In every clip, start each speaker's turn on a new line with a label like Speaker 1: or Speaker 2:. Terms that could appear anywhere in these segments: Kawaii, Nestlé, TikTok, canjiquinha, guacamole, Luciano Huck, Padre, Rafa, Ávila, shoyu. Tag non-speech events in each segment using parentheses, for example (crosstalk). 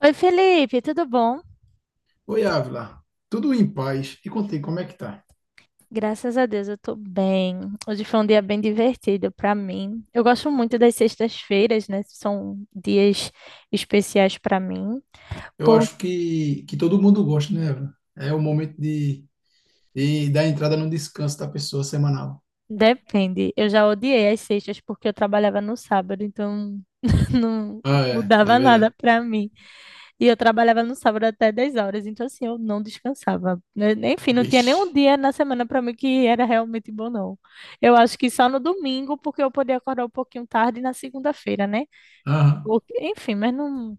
Speaker 1: Oi, Felipe, tudo bom?
Speaker 2: Oi, Ávila. Tudo em paz. E contigo, como é que tá?
Speaker 1: Graças a Deus eu tô bem. Hoje foi um dia bem divertido pra mim. Eu gosto muito das sextas-feiras, né? São dias especiais pra mim.
Speaker 2: Eu
Speaker 1: Por...
Speaker 2: acho que todo mundo gosta, né, Ávila? É o momento de dar entrada no descanso da pessoa semanal.
Speaker 1: Depende. Eu já odiei as sextas porque eu trabalhava no sábado, então (laughs) não
Speaker 2: Ah, é
Speaker 1: mudava nada
Speaker 2: verdade.
Speaker 1: pra mim. E eu trabalhava no sábado até 10 horas, então assim, eu não descansava, né? Enfim, não tinha
Speaker 2: Vixe.
Speaker 1: nenhum dia na semana para mim que era realmente bom, não. Eu acho que só no domingo, porque eu podia acordar um pouquinho tarde na segunda-feira, né?
Speaker 2: Aham.
Speaker 1: Enfim, mas não.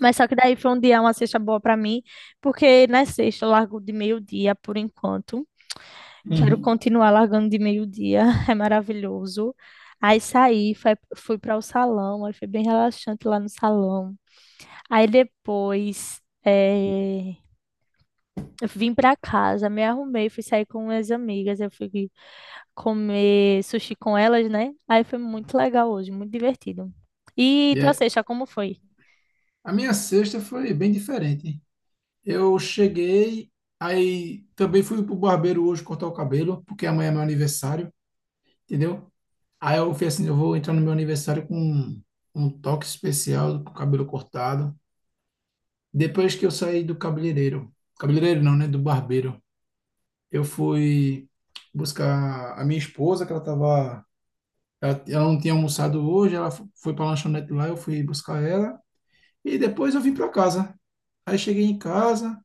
Speaker 1: Mas só que daí foi um dia, uma sexta boa para mim, porque na sexta eu largo de meio-dia por enquanto. Quero
Speaker 2: Uhum.
Speaker 1: continuar largando de meio-dia, (laughs) é maravilhoso. Aí saí, fui para o salão, aí foi bem relaxante lá no salão. Aí depois, eu vim pra casa, me arrumei, fui sair com minhas amigas, eu fui comer sushi com elas, né? Aí foi muito legal hoje, muito divertido. E
Speaker 2: E
Speaker 1: tua
Speaker 2: é.
Speaker 1: sexta, como foi?
Speaker 2: A minha sexta foi bem diferente, hein? Eu cheguei, aí também fui pro barbeiro hoje cortar o cabelo, porque amanhã é meu aniversário, entendeu? Aí eu fui assim, eu vou entrar no meu aniversário com um toque especial, com o cabelo cortado. Depois que eu saí do cabeleireiro, cabeleireiro não, né? Do barbeiro, eu fui buscar a minha esposa, que ela tava, ela não tinha almoçado hoje, ela foi para lanchonete lá, eu fui buscar ela e depois eu vim para casa. Aí cheguei em casa,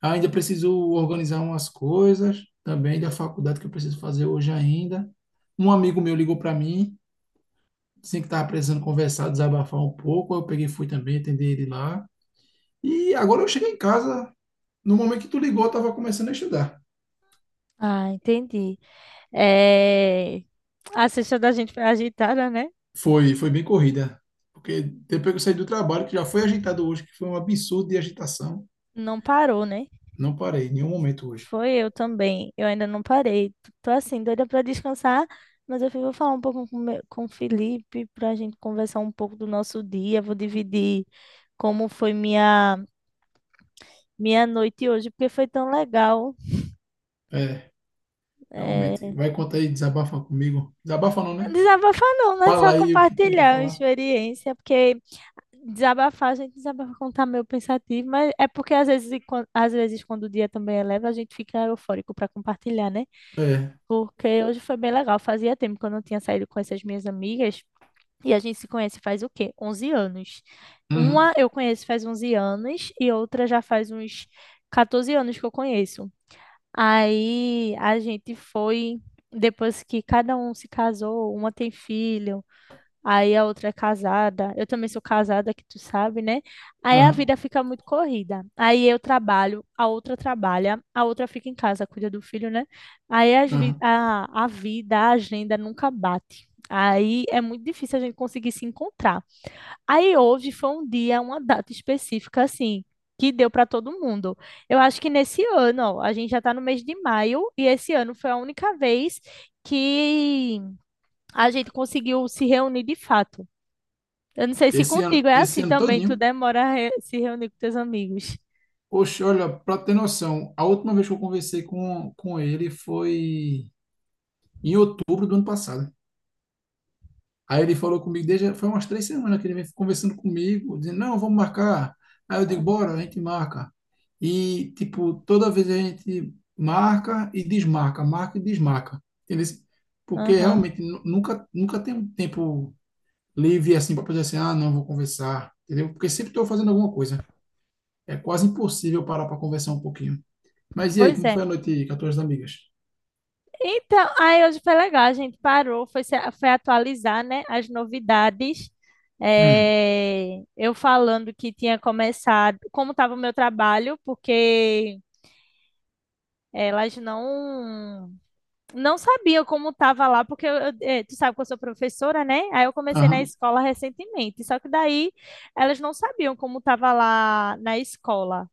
Speaker 2: ainda preciso organizar umas coisas também da faculdade que eu preciso fazer hoje ainda. Um amigo meu ligou para mim, disse que estava precisando conversar, desabafar um pouco, eu peguei e fui também atender ele lá. E agora eu cheguei em casa, no momento que tu ligou, eu estava começando a estudar.
Speaker 1: Ah, entendi. É... A sexta da gente foi agitada, né?
Speaker 2: Foi, foi bem corrida, porque depois que eu saí do trabalho, que já foi agitado hoje, que foi um absurdo de agitação,
Speaker 1: Não parou, né?
Speaker 2: não parei em nenhum momento hoje.
Speaker 1: Foi eu também. Eu ainda não parei. Tô assim, doida pra descansar, mas vou falar um pouco com o Felipe pra gente conversar um pouco do nosso dia. Vou dividir como foi minha noite hoje, porque foi tão legal.
Speaker 2: É, realmente.
Speaker 1: É,
Speaker 2: Vai contar aí, desabafa comigo. Desabafa não, né?
Speaker 1: desabafar não, né?
Speaker 2: Fala
Speaker 1: Só
Speaker 2: aí o que tem para
Speaker 1: compartilhar a
Speaker 2: falar.
Speaker 1: experiência, porque desabafar, a gente desabafa quando tá meio pensativo, mas é porque às vezes, às vezes quando o dia também é leve, a gente fica eufórico para compartilhar, né?
Speaker 2: É.
Speaker 1: Porque hoje foi bem legal, fazia tempo que eu não tinha saído com essas minhas amigas, e a gente se conhece faz o quê? 11 anos.
Speaker 2: Uhum,
Speaker 1: Uma eu conheço faz 11 anos, e outra já faz uns 14 anos que eu conheço. Aí a gente foi, depois que cada um se casou, uma tem filho, aí a outra é casada. Eu também sou casada, que tu sabe, né? Aí a
Speaker 2: uhum,
Speaker 1: vida fica muito corrida. Aí eu trabalho, a outra trabalha, a outra fica em casa, cuida do filho, né? Aí as vi-
Speaker 2: uhum.
Speaker 1: a, a vida, a agenda nunca bate. Aí é muito difícil a gente conseguir se encontrar. Aí hoje foi um dia, uma data específica, assim, que deu para todo mundo. Eu acho que nesse ano, ó, a gente já está no mês de maio, e esse ano foi a única vez que a gente conseguiu se reunir de fato. Eu não sei se contigo é
Speaker 2: Esse
Speaker 1: assim
Speaker 2: ano
Speaker 1: também, tu
Speaker 2: todinho.
Speaker 1: demora a se reunir com teus amigos.
Speaker 2: Oxe, olha, para ter noção, a última vez que eu conversei com ele foi em outubro do ano passado. Aí ele falou comigo, desde, foi umas três semanas que ele vem conversando comigo, dizendo, não, vamos marcar. Aí eu digo, bora,
Speaker 1: Aham.
Speaker 2: a gente marca. E, tipo, toda vez a gente marca e desmarca, marca e desmarca. Entendeu? Porque
Speaker 1: Aham.
Speaker 2: realmente nunca, nunca tem um tempo livre assim para poder assim, ah, não, vou conversar. Entendeu? Porque sempre estou fazendo alguma coisa. É quase impossível parar para conversar um pouquinho. Mas e aí,
Speaker 1: Pois
Speaker 2: como foi a
Speaker 1: é.
Speaker 2: noite aí com as tuas amigas?
Speaker 1: Então, aí hoje foi legal, a gente parou, foi, foi atualizar, né, as novidades.
Speaker 2: Hum.
Speaker 1: É, eu falando que tinha começado, como estava o meu trabalho, porque elas não sabiam como estava lá, porque tu sabe que eu sou professora, né? Aí eu comecei na
Speaker 2: Aham,
Speaker 1: escola recentemente, só que daí elas não sabiam como estava lá na escola.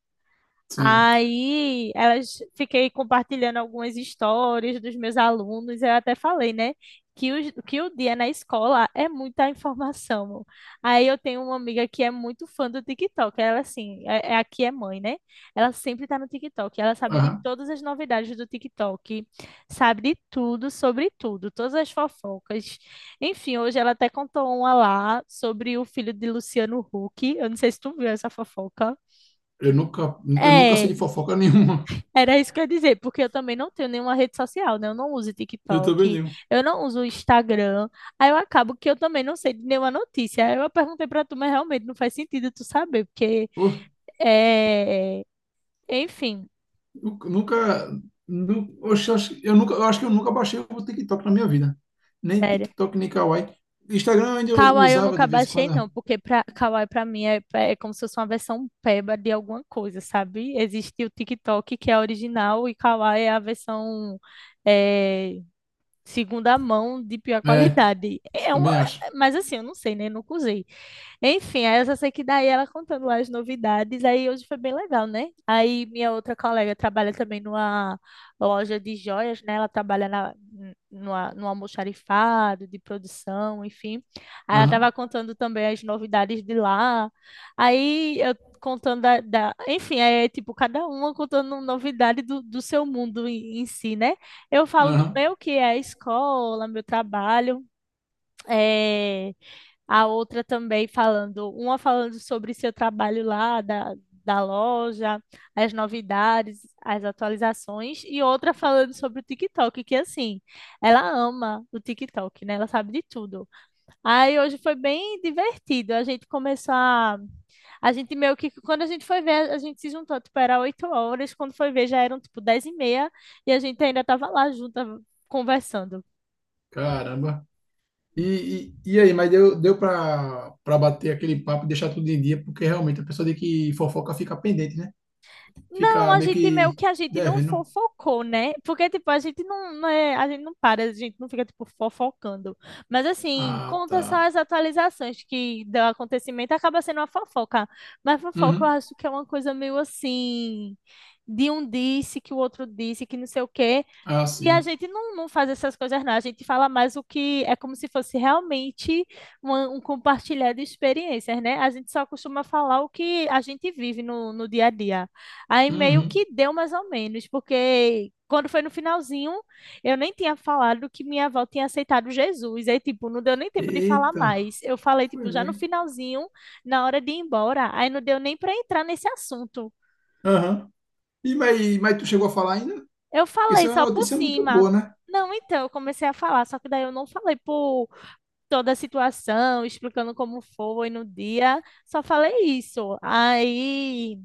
Speaker 2: sim.
Speaker 1: Aí elas fiquei compartilhando algumas histórias dos meus alunos. Eu até falei, né, que o dia na escola é muita informação. Aí eu tenho uma amiga que é muito fã do TikTok. Ela, assim, é aqui é mãe, né? Ela sempre tá no TikTok. Ela sabe de
Speaker 2: Aham.
Speaker 1: todas as novidades do TikTok, sabe de tudo, sobre tudo, todas as fofocas. Enfim, hoje ela até contou uma lá sobre o filho de Luciano Huck. Eu não sei se tu viu essa fofoca.
Speaker 2: Eu nunca, eu nunca sei
Speaker 1: É,
Speaker 2: de fofoca (laughs) nenhuma.
Speaker 1: era isso que eu ia dizer, porque eu também não tenho nenhuma rede social, né? Eu não uso
Speaker 2: Eu também
Speaker 1: TikTok,
Speaker 2: não.
Speaker 1: eu não uso Instagram. Aí eu acabo que eu também não sei de nenhuma notícia. Aí eu perguntei pra tu, mas realmente não faz sentido tu saber, porque
Speaker 2: Pô,
Speaker 1: é. Enfim,
Speaker 2: eu nunca. Oxe, eu nunca, eu acho que eu nunca baixei o TikTok na minha vida. Nem
Speaker 1: sério.
Speaker 2: TikTok, nem Kawaii. Instagram ainda eu
Speaker 1: Kawaii eu
Speaker 2: usava
Speaker 1: nunca
Speaker 2: de vez em
Speaker 1: baixei,
Speaker 2: quando.
Speaker 1: não, porque pra... Kawaii pra mim é como se fosse uma versão peba de alguma coisa, sabe? Existe o TikTok, que é original, e Kawaii é a versão é, segunda mão de pior
Speaker 2: É,
Speaker 1: qualidade. É uma,
Speaker 2: também acho.
Speaker 1: mas assim, eu não sei, né? Nunca usei. Enfim, aí eu só sei que daí ela contando lá as novidades, aí hoje foi bem legal, né? Aí minha outra colega trabalha também numa loja de joias, né? Ela trabalha num almoxarifado de produção, enfim. Aí ela
Speaker 2: Aham,
Speaker 1: tava contando também as novidades de lá. Aí eu contando enfim, é tipo cada uma contando novidade do seu mundo em si, né? Eu falo do
Speaker 2: aham.
Speaker 1: meu que é a escola, meu trabalho, é a outra também falando, uma falando sobre seu trabalho lá da loja, as novidades, as atualizações, e outra falando sobre o TikTok, que assim, ela ama o TikTok, né? Ela sabe de tudo. Aí hoje foi bem divertido. A gente começou a. A gente meio que. Quando a gente foi ver, a gente se juntou, tipo, era 8 horas, quando foi ver já eram tipo 10h30, e a gente ainda tava lá junta conversando.
Speaker 2: Caramba. E, e aí, mas deu pra bater aquele papo e deixar tudo em dia, porque realmente a pessoa de que fofoca fica pendente, né?
Speaker 1: Não,
Speaker 2: Fica
Speaker 1: a
Speaker 2: meio
Speaker 1: gente meio
Speaker 2: que
Speaker 1: que a gente não
Speaker 2: devendo.
Speaker 1: fofocou, né? Porque, tipo, a gente a gente não para, a gente não fica, tipo, fofocando. Mas, assim,
Speaker 2: Ah,
Speaker 1: conta só
Speaker 2: tá.
Speaker 1: as atualizações que do acontecimento, acaba sendo uma fofoca. Mas fofoca eu
Speaker 2: Uhum.
Speaker 1: acho que é uma coisa meio assim, de um disse que o outro disse, que não sei o quê.
Speaker 2: Ah,
Speaker 1: E a
Speaker 2: sim.
Speaker 1: gente não faz essas coisas, não. A gente fala mais o que é como se fosse realmente uma- um compartilhar de experiências, né? A gente só costuma falar o que a gente vive no dia a dia. Aí meio
Speaker 2: Uhum.
Speaker 1: que deu mais ou menos, porque quando foi no finalzinho, eu nem tinha falado que minha avó tinha aceitado Jesus. Aí, tipo, não deu nem tempo de falar
Speaker 2: Eita.
Speaker 1: mais. Eu falei,
Speaker 2: Foi
Speaker 1: tipo, já no
Speaker 2: mesmo.
Speaker 1: finalzinho, na hora de ir embora. Aí não deu nem para entrar nesse assunto.
Speaker 2: Aham. E, mas tu chegou a falar ainda?
Speaker 1: Eu
Speaker 2: Porque isso
Speaker 1: falei
Speaker 2: é
Speaker 1: só
Speaker 2: uma
Speaker 1: por
Speaker 2: notícia muito
Speaker 1: cima.
Speaker 2: boa, né?
Speaker 1: Não, então, eu comecei a falar, só que daí eu não falei por toda a situação, explicando como foi no dia, só falei isso. Aí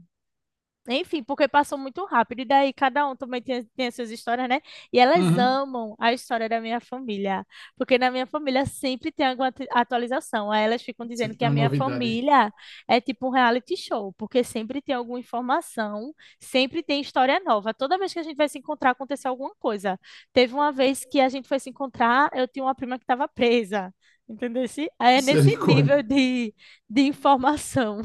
Speaker 1: enfim, porque passou muito rápido. E daí cada um também tem as suas histórias, né? E elas
Speaker 2: Uhum.
Speaker 1: amam a história da minha família. Porque na minha família sempre tem alguma atualização. Aí elas ficam dizendo
Speaker 2: Sempre
Speaker 1: que
Speaker 2: tem
Speaker 1: a
Speaker 2: uma
Speaker 1: minha
Speaker 2: novidade.
Speaker 1: família é tipo um reality show. Porque sempre tem alguma informação, sempre tem história nova. Toda vez que a gente vai se encontrar, aconteceu alguma coisa. Teve uma vez que a gente foi se encontrar, eu tinha uma prima que estava presa. Entendeu? Aí é nesse
Speaker 2: Misericórdia.
Speaker 1: nível de informação.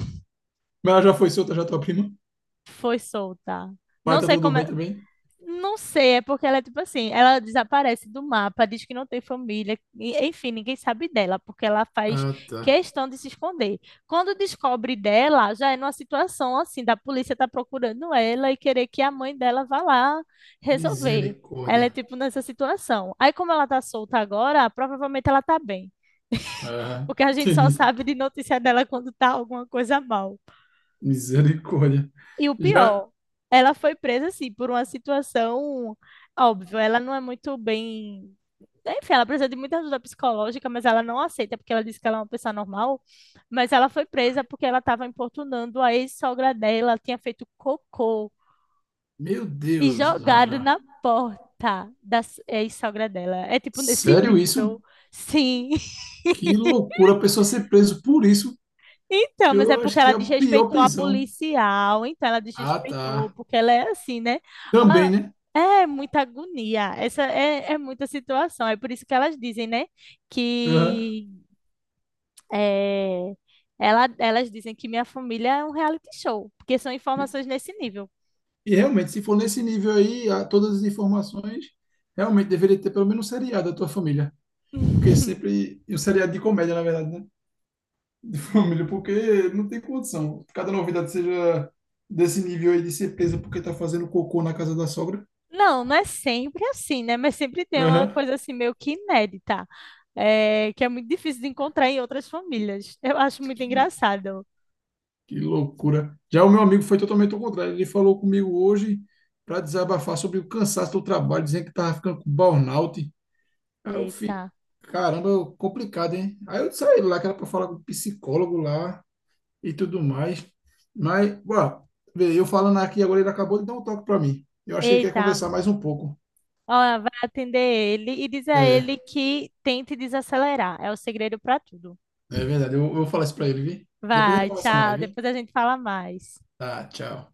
Speaker 2: Mas ela já foi solta, já tua prima.
Speaker 1: (laughs) Foi solta.
Speaker 2: Pai
Speaker 1: Não
Speaker 2: tá
Speaker 1: sei
Speaker 2: tudo
Speaker 1: como
Speaker 2: bem
Speaker 1: é-
Speaker 2: também?
Speaker 1: Não sei, é porque ela é tipo assim, ela desaparece do mapa, diz que não tem família, e- enfim, ninguém sabe dela, porque ela faz
Speaker 2: Ah, tá.
Speaker 1: questão de se esconder. Quando descobre dela, já é numa situação assim, da polícia tá procurando ela e querer que a mãe dela vá lá resolver. Ela é
Speaker 2: Misericórdia.
Speaker 1: tipo nessa situação. Aí, como ela tá solta agora, provavelmente ela tá bem,
Speaker 2: Ah,
Speaker 1: porque a gente só
Speaker 2: entendi.
Speaker 1: sabe de notícia dela quando tá alguma coisa mal.
Speaker 2: Misericórdia.
Speaker 1: E o
Speaker 2: Já.
Speaker 1: pior, ela foi presa assim por uma situação óbvio, ela não é muito bem, enfim, ela precisa de muita ajuda psicológica, mas ela não aceita porque ela disse que ela é uma pessoa normal, mas ela foi presa porque ela estava importunando a ex-sogra dela, tinha feito cocô
Speaker 2: Meu
Speaker 1: e
Speaker 2: Deus,
Speaker 1: jogado
Speaker 2: Rafa.
Speaker 1: na porta ex-sogra dela. É tipo nesse
Speaker 2: Sério isso?
Speaker 1: nível. Sim.
Speaker 2: Que loucura a pessoa ser preso por isso.
Speaker 1: Então, mas é
Speaker 2: Eu acho
Speaker 1: porque
Speaker 2: que
Speaker 1: ela
Speaker 2: é a pior
Speaker 1: desrespeitou a
Speaker 2: prisão.
Speaker 1: policial, então ela
Speaker 2: Ah,
Speaker 1: desrespeitou,
Speaker 2: tá.
Speaker 1: porque ela é assim, né?
Speaker 2: Também,
Speaker 1: Ah,
Speaker 2: né?
Speaker 1: é muita agonia, essa é, é muita situação, é por isso que elas dizem, né?
Speaker 2: Aham.
Speaker 1: Que é, elas dizem que minha família é um reality show, porque são informações nesse nível.
Speaker 2: E realmente, se for nesse nível aí, todas as informações, realmente deveria ter pelo menos um seriado da tua família. Porque sempre. E um seriado de comédia, na verdade, né? (laughs) Família, porque não tem condição. Cada novidade seja desse nível aí de ser presa porque tá fazendo cocô na casa da sogra.
Speaker 1: Não, não é sempre assim, né? Mas sempre tem uma
Speaker 2: Aham.
Speaker 1: coisa assim meio que inédita, é, que é muito difícil de encontrar em outras famílias. Eu acho muito engraçado.
Speaker 2: Que loucura. Já o meu amigo foi totalmente ao contrário. Ele falou comigo hoje para desabafar sobre o cansaço do trabalho, dizendo que tava ficando com burnout. Aí eu
Speaker 1: Eita,
Speaker 2: fico. Caramba, complicado, hein? Aí eu saí lá que era pra falar com o psicólogo lá, e tudo mais. Mas, ó, vê, eu falando aqui agora, ele acabou de dar um toque para mim. Eu acho que ele quer
Speaker 1: eita.
Speaker 2: conversar mais um pouco.
Speaker 1: Ela vai atender ele e diz a
Speaker 2: É,
Speaker 1: ele que tente desacelerar. É o segredo para tudo.
Speaker 2: é
Speaker 1: (laughs)
Speaker 2: verdade. Eu vou falar isso para ele, vi? Depois a gente
Speaker 1: Vai,
Speaker 2: conversa
Speaker 1: tchau.
Speaker 2: mais, vi?
Speaker 1: Depois a gente fala mais.
Speaker 2: Tá, tchau.